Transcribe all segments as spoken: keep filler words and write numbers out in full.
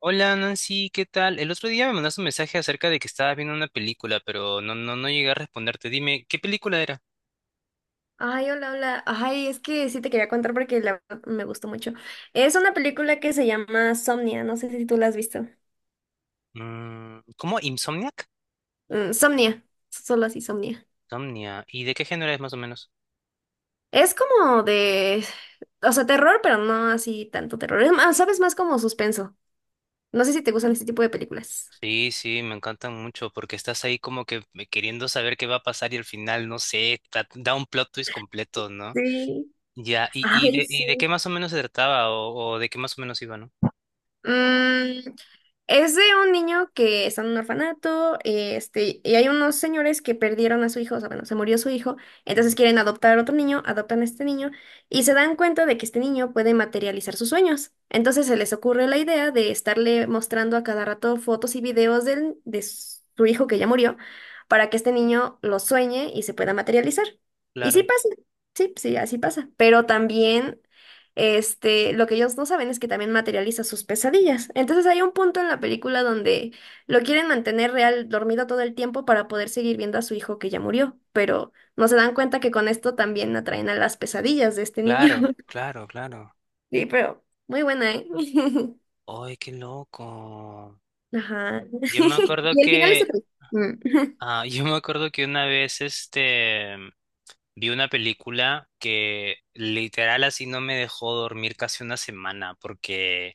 Hola Nancy, ¿qué tal? El otro día me mandaste un mensaje acerca de que estabas viendo una película, pero no, no, no llegué a responderte. Dime, ¿qué película era? Ay, hola, hola. Ay, es que sí te quería contar porque la verdad me gustó mucho. Es una película que se llama Somnia, no sé si tú la has visto. Mm, ¿cómo? ¿Insomniac? Mm, Somnia, solo así, Somnia. Insomnia. ¿Y de qué género es más o menos? Es como de, o sea, terror, pero no así tanto terror. Es más, sabes, más como suspenso. No sé si te gustan este tipo de películas. Sí, sí, me encantan mucho porque estás ahí como que me- queriendo saber qué va a pasar y al final, no sé, tra- da un plot twist completo, ¿no? Sí. Ya, ¿y, y, Ay, de, sí. y de qué más o menos se trataba o, o de qué más o menos iba, ¿no? Mm, es de un niño que está en un orfanato, eh, este, y hay unos señores que perdieron a su hijo, o sea, bueno, se murió su hijo, Ujú. entonces quieren adoptar otro niño, adoptan a este niño, y se dan cuenta de que este niño puede materializar sus sueños. Entonces se les ocurre la idea de estarle mostrando a cada rato fotos y videos del- de su hijo que ya murió, para que este niño lo sueñe y se pueda materializar. Y sí Claro, pasa, sí, sí, así pasa. Pero también este, lo que ellos no saben es que también materializa sus pesadillas. Entonces hay un punto en la película donde lo quieren mantener real, dormido todo el tiempo para poder seguir viendo a su hijo que ya murió, pero no se dan cuenta que con esto también atraen a las pesadillas de este niño. claro, claro, claro. Sí, pero muy buena, ¿eh? ¡Ay, qué loco! Ajá. Yo me acuerdo Y el final es que otro. Mm. Ah, yo me acuerdo que una vez este vi una película que literal así no me dejó dormir casi una semana porque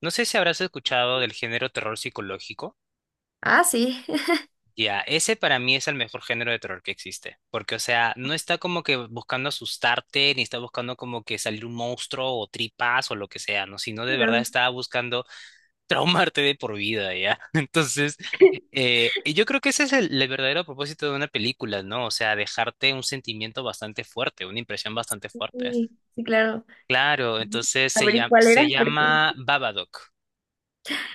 no sé si habrás escuchado del género terror psicológico. Ah, sí. Ya, ese para mí es el mejor género de terror que existe, porque o sea, no está como que buscando asustarte, ni está buscando como que salir un monstruo o tripas o lo que sea, no, sino de verdad No. está buscando traumarte de por vida, ¿ya? Entonces, eh, y yo creo que ese es el, el verdadero propósito de una película, ¿no? O sea, dejarte un sentimiento bastante fuerte, una impresión bastante Sí, fuerte. sí, claro. Claro, entonces A se ver, ¿y llama, cuál se era? Porque... llama Babadook.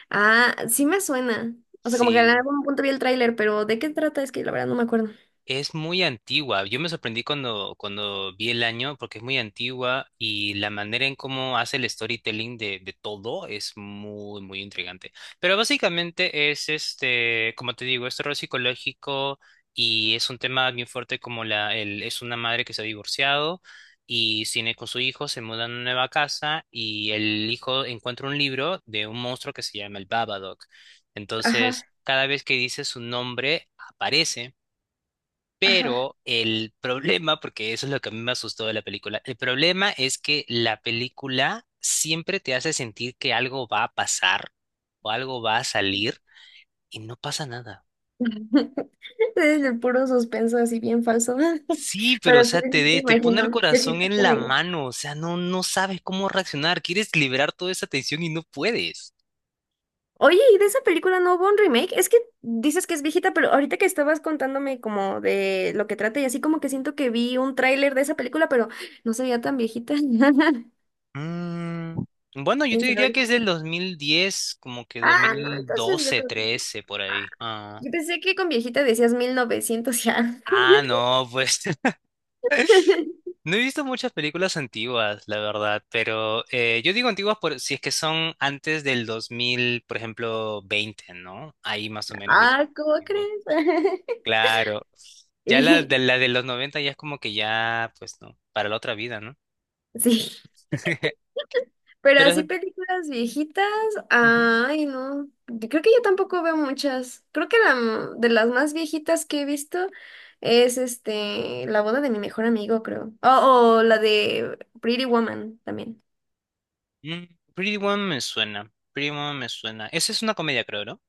Ah, sí me suena. O sea, como que en Sí. algún punto vi el tráiler, pero ¿de qué trata? Es que la verdad no me acuerdo. Es muy antigua. Yo me sorprendí cuando, cuando vi el año porque es muy antigua y la manera en cómo hace el storytelling de, de todo es muy, muy intrigante. Pero básicamente es este, como te digo, es terror psicológico y es un tema bien fuerte como la, el, es una madre que se ha divorciado y tiene con su hijo, se mudan a una nueva casa y el hijo encuentra un libro de un monstruo que se llama el Babadook. Entonces, Ajá, cada vez que dice su nombre, aparece. ajá. Pero el problema, porque eso es lo que a mí me asustó de la película, el problema es que la película siempre te hace sentir que algo va a pasar o algo va a salir y no pasa nada. Es el puro suspenso así bien falso. Sí, pero Pero o sea, te, sí, sí te de- te pone el imagino. Yo sí corazón te en la creo. mano, o sea, no, no sabes cómo reaccionar, quieres liberar toda esa tensión y no puedes. Oye, ¿y de esa película no hubo un remake? Es que dices que es viejita, pero ahorita que estabas contándome como de lo que trata y así como que siento que vi un tráiler de esa película, pero no se veía tan viejita. Mm, bueno, yo te ¿Quién diría que sabe? es del dos mil diez, como que Ah, no, entonces yo dos mil doce, creo que no. trece, por ahí. Ah, Yo pensé que con viejita decías mil novecientos ya. ah, no, pues. No he visto muchas películas antiguas, la verdad, pero eh, yo digo antiguas por si es que son antes del dos mil, por ejemplo, veinte, ¿no? Ahí más o menos diría Ah, que es ¿cómo antiguo. crees? Claro. Ya la Y de, la de los noventa ya es como que ya, pues no, para la otra vida, ¿no? sí, pero Pero así es- películas viejitas, Ujú. ay, no. Yo creo que yo tampoco veo muchas. Creo que la m- de las más viejitas que he visto es este La boda de mi mejor amigo, creo. O o la de Pretty Woman también. Mm, Pretty Woman me suena. Pretty Woman me suena. Esa es una comedia, creo, ¿no?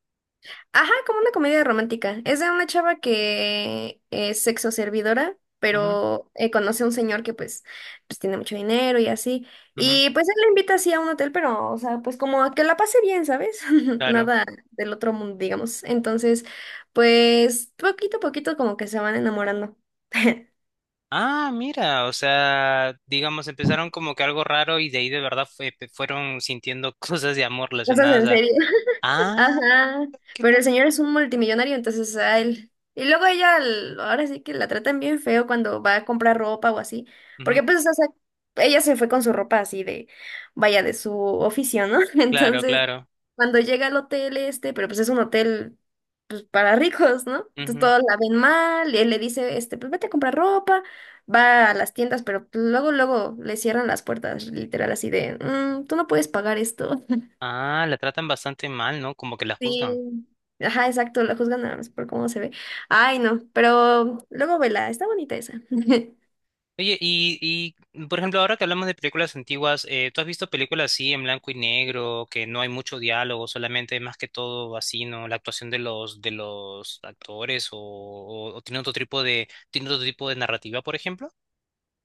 Ajá, como una comedia romántica. Es de una chava que es sexo servidora, Ujú, pero eh, conoce a un señor que pues, pues tiene mucho dinero y así. ujú, Y pues él la invita así a un hotel, pero, o sea, pues como a que la pase bien, ¿sabes? claro. Nada del otro mundo, digamos. Entonces, pues poquito a poquito como que se van enamorando. Ah, mira, o sea, digamos, empezaron como que algo raro y de ahí de verdad fue- pe- fueron sintiendo cosas de amor Cosas relacionadas en a... serio. Ah, Ajá, qué pero el loco. señor es un multimillonario, entonces a él. Y luego ella, l- ahora sí que la tratan bien feo cuando va a comprar ropa o así, Ujú, porque pues, o sea, ella se fue con su ropa así de, vaya, de su oficio, ¿no? claro, Entonces, claro. cuando llega al hotel este, pero pues es un hotel pues, para ricos, ¿no? Entonces Ujú. todos la ven mal, y él le dice, este, pues vete a comprar ropa, va a las tiendas, pero luego, luego le cierran las puertas, literal, así de, "Mm, tú no puedes pagar esto". Ah, la tratan bastante mal, ¿no? Como que la juzgan. Sí, ajá, exacto, la juzgan nada más por cómo se ve. Ay, no, pero luego vela, está bonita esa. Oye, y, y por ejemplo, ahora que hablamos de películas antiguas, eh, ¿tú has visto películas así en blanco y negro, que no hay mucho diálogo, solamente más que todo así, ¿no? La actuación de los, de los actores, o, o, o tiene otro tipo de, tiene otro tipo de narrativa, por ejemplo?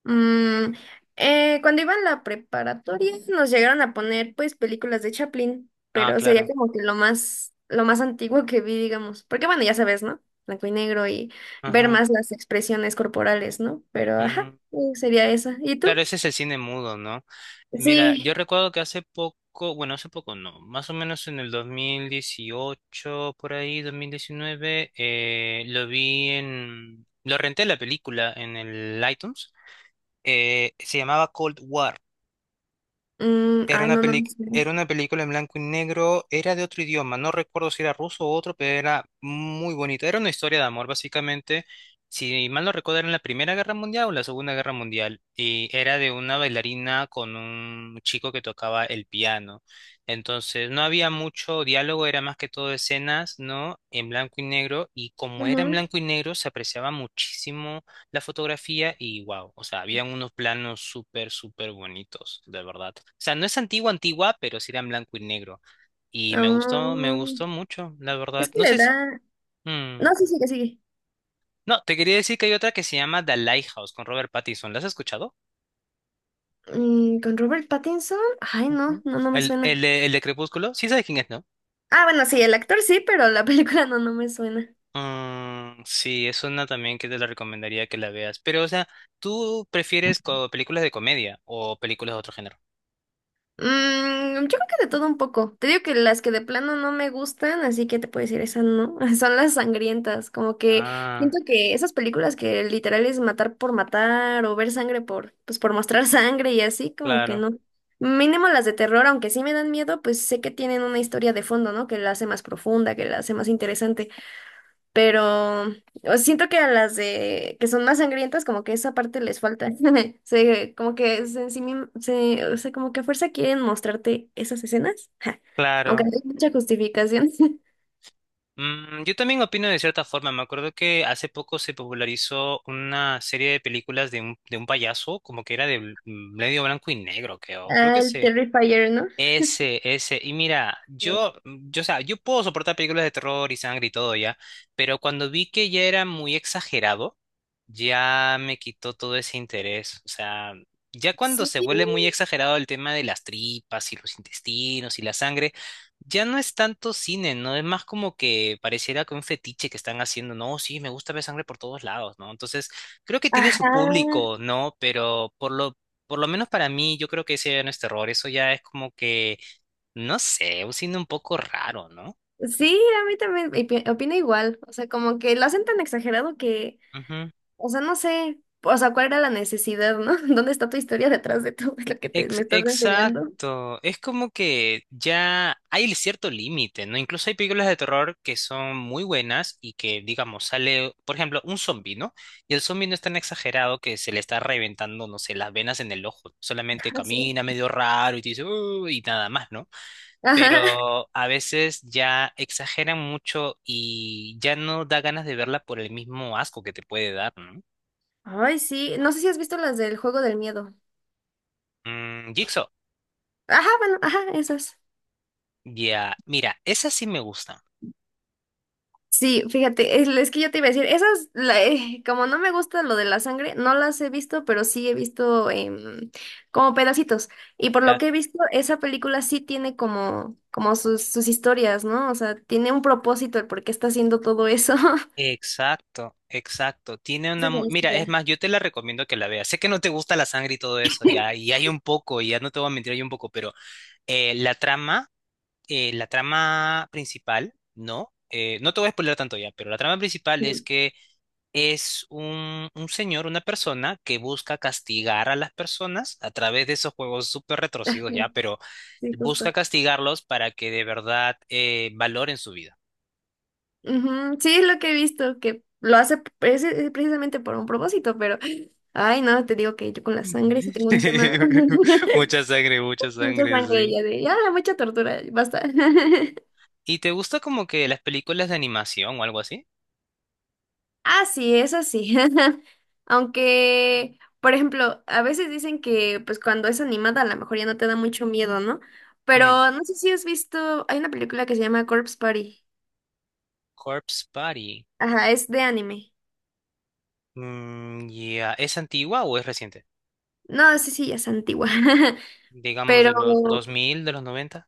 Mm, eh, cuando iba en la preparatoria nos llegaron a poner pues películas de Chaplin, Ah, pero sería claro. como que lo más, lo más antiguo que vi, digamos. Porque bueno, ya sabes, ¿no? Blanco y negro y ver Ajá. más las expresiones corporales, ¿no? Pero ajá, Mm. eh, sería esa. ¿Y tú? Claro, ese es el cine mudo, ¿no? Mira, yo Sí. recuerdo que hace poco, bueno, hace poco no, más o menos en el dos mil dieciocho por ahí, dos mil diecinueve, eh, lo vi en, lo renté la película en el iTunes, eh, se llamaba Cold War. Mm, Era ay, una no, no, peli- no sé. Era una película en blanco y negro, era de otro idioma, no recuerdo si era ruso o otro, pero era muy bonita. Era una historia de amor, básicamente. Si mal no recuerdo, era en la Primera Guerra Mundial o la Segunda Guerra Mundial. Y era de una bailarina con un chico que tocaba el piano. Entonces, no había mucho diálogo, era más que todo escenas, ¿no? En blanco y negro. Y como era en Ujú. blanco y negro, se apreciaba muchísimo la fotografía y wow, o sea, habían unos planos súper, súper bonitos, de verdad. O sea, no es antigua, antigua, pero sí era en blanco y negro. Y Ah, me gustó, me gustó mucho, la verdad. es que No le sé si... da... No, mm, sí, sigue, sigue. no, te quería decir que hay otra que se llama The Lighthouse con Robert Pattinson. ¿La has escuchado? Mm, con Robert Pattinson, ay, no, Ujú. no, no me El, el, suena. de- el de Crepúsculo, sí sabes quién es, ¿no? Ah, bueno, sí, el actor sí, pero la película no, no me suena. Mm, sí, es una también que te la recomendaría que la veas. Pero, o sea, ¿tú prefieres co- películas de comedia o películas de otro género? Mm, yo creo que de todo un poco. Te digo que las que de plano no me gustan, así que te puedo decir, esas no, son las sangrientas. Como que Ah, siento que esas películas que literal es matar por matar o ver sangre por, pues por mostrar sangre y así, como que claro, no. Mínimo las de terror, aunque sí me dan miedo, pues sé que tienen una historia de fondo, ¿no? Que la hace más profunda, que la hace más interesante. Pero o siento que a las de que son más sangrientas, como que esa parte les falta. Se, como que se, ensimism- se- o sea, como que a fuerza quieren mostrarte esas escenas. Ja, aunque claro. no hay mucha justificación. Mm, yo también opino de cierta forma. Me acuerdo que hace poco se popularizó una serie de películas de un, de un payaso, como que era de bl- medio blanco y negro, creo. Creo Ah, que el se. Terrifier, ¿no? Ese, ese. Y mira, yo, yo, o sea, yo puedo soportar películas de terror y sangre y todo ya, pero cuando vi que ya era muy exagerado ya me quitó todo ese interés. O sea, ya cuando Sí. se vuelve muy exagerado el tema de las tripas y los intestinos y la sangre, ya no es tanto cine, ¿no? Es más como que pareciera que un fetiche que están haciendo, no, sí, me gusta ver sangre por todos lados, ¿no? Entonces, creo que tiene su Ajá. público, ¿no? Pero por lo... por lo menos para mí, yo creo que ese ya no es terror, eso ya es como que, no sé, un cine un poco raro, no. Sí, a mí también opi- opino igual. O sea, como que lo hacen tan exagerado que, o sea, no sé, o sea, cuál era la necesidad, ¿no? ¿Dónde está tu historia detrás de todo lo que te, me Ex- estás enseñando? Exacto. Es como que ya hay cierto límite, ¿no? Incluso hay películas de terror que son muy buenas y que, digamos, sale, por ejemplo, un zombi, ¿no? Y el zombi no es tan exagerado que se le está reventando, no sé, las venas en el ojo. Solamente Ah, sí. camina medio raro y te dice, "Uh", y nada más, ¿no? Ajá. Pero a veces ya exageran mucho y ya no da ganas de verla por el mismo asco que te puede dar, ¿no? Ay, sí. No sé si has visto las del juego del miedo. Mm, Jigsaw. Ajá, bueno, ajá, esas. Ya, mira, esa sí me gusta. Sí, fíjate, es, es que yo te iba a decir, esas, la- eh, como no me gusta lo de la sangre, no las he visto, pero sí he visto em, como pedacitos. Y por lo que he visto, esa película sí tiene como, como sus, sus historias, ¿no? O sea, tiene un propósito el por qué está haciendo todo eso. Exacto, exacto. Tiene Ese una... es mu- el- Mira, es Ya. más, yo te la recomiendo que la veas. Sé que no te gusta la sangre y todo eso, ya, y hay un poco, y ya no te voy a mentir, hay un poco, pero eh, la trama, eh, la trama principal, ¿no? Eh, no te voy a spoiler tanto ya, pero la trama principal Sí, es que es un, un señor, una persona que busca castigar a las personas a través de esos juegos súper ajá, retorcidos ya, pero sí, justo. busca castigarlos para que de verdad eh, valoren su vida. Ujú, sí, es lo que he visto, que lo hace preci- precisamente por un propósito, pero, ay, no, te digo que yo con la sangre sí tengo un tema, Mucha sangre, mucha mucha sangre, sangre sí. ya de, ya, mucha tortura, basta. ¿Y te gusta como que las películas de animación o algo así? Ah, sí, eso sí. Aunque, por ejemplo, a veces dicen que pues cuando es animada a lo mejor ya no te da mucho miedo, ¿no? Mm, Pero no sé si has visto, hay una película que se llama Corpse Party. Corpse Party. Ajá, es de anime. Mm, ya. ¿Es antigua o es reciente? No, sí, sí, ya es antigua. Digamos Pero de los dos mil, de los noventa.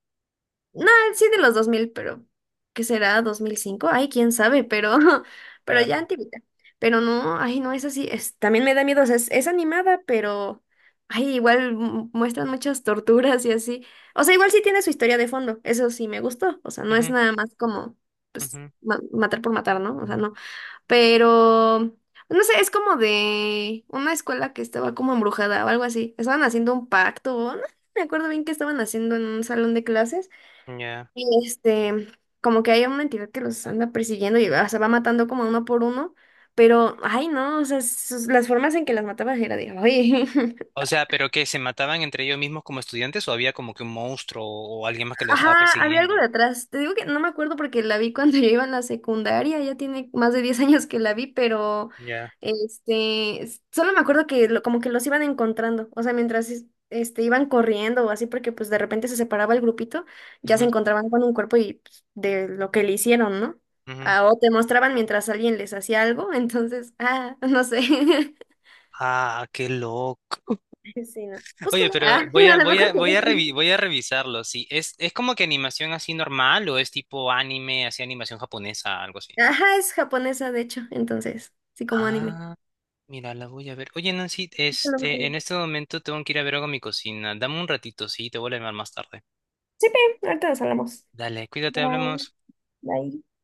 no, sí de los dos mil pero ¿qué será? Dos mil cinco. Ay, quién sabe, pero, pero Claro. ya antiguita. Pero no, ay, no es así. Es, también me da miedo, o sea, es, es animada, pero, ay, igual mu- muestran muchas torturas y así. O sea, igual sí tiene su historia de fondo, eso sí me gustó. O sea, no es Ujú, nada más como, pues, ujú. ma- matar por matar, ¿no? O sea, no. Pero, no sé, es como de una escuela que estaba como embrujada o algo así. Estaban haciendo un pacto, o no me acuerdo bien qué estaban haciendo en un salón de clases. Ya. Y este, como que hay una entidad que los anda persiguiendo y o sea, va matando como uno por uno, pero, ay, no, o sea, sus- las formas en que las mataba era de, oye. O sea, ¿pero que se mataban entre ellos mismos como estudiantes o había como que un monstruo o alguien más que lo estaba Ajá, había algo persiguiendo? de atrás. Te digo que no me acuerdo porque la vi cuando yo iba en la secundaria, ya tiene más de diez años que la vi, pero Ya. este, s- solo me acuerdo que lo- como que los iban encontrando, o sea, mientras es- este, iban corriendo o así, porque pues de repente se separaba el grupito, ya se Ujú, encontraban con un cuerpo y pues, de lo que le hicieron, ¿no? ujú. Ah, o te mostraban mientras alguien les hacía algo, entonces, ah, no sé. Ah, qué loco. Sí, no. Oye, Búscala. Ah, pero voy a a, lo mejor voy a, te voy a revi- gusta. voy a revisarlo. Sí, es, es como que animación así normal o es tipo anime, así animación japonesa, algo así. Ajá, es japonesa, de hecho, entonces, sí, como anime. Ah, mira, la voy a ver. Oye, Nancy, este, en este momento tengo que ir a ver algo a mi cocina. Dame un ratito, sí, te vuelvo a llamar más tarde. Sí, bien, ahorita nos hablamos. Dale, cuídate, Bye. hablemos. Bye.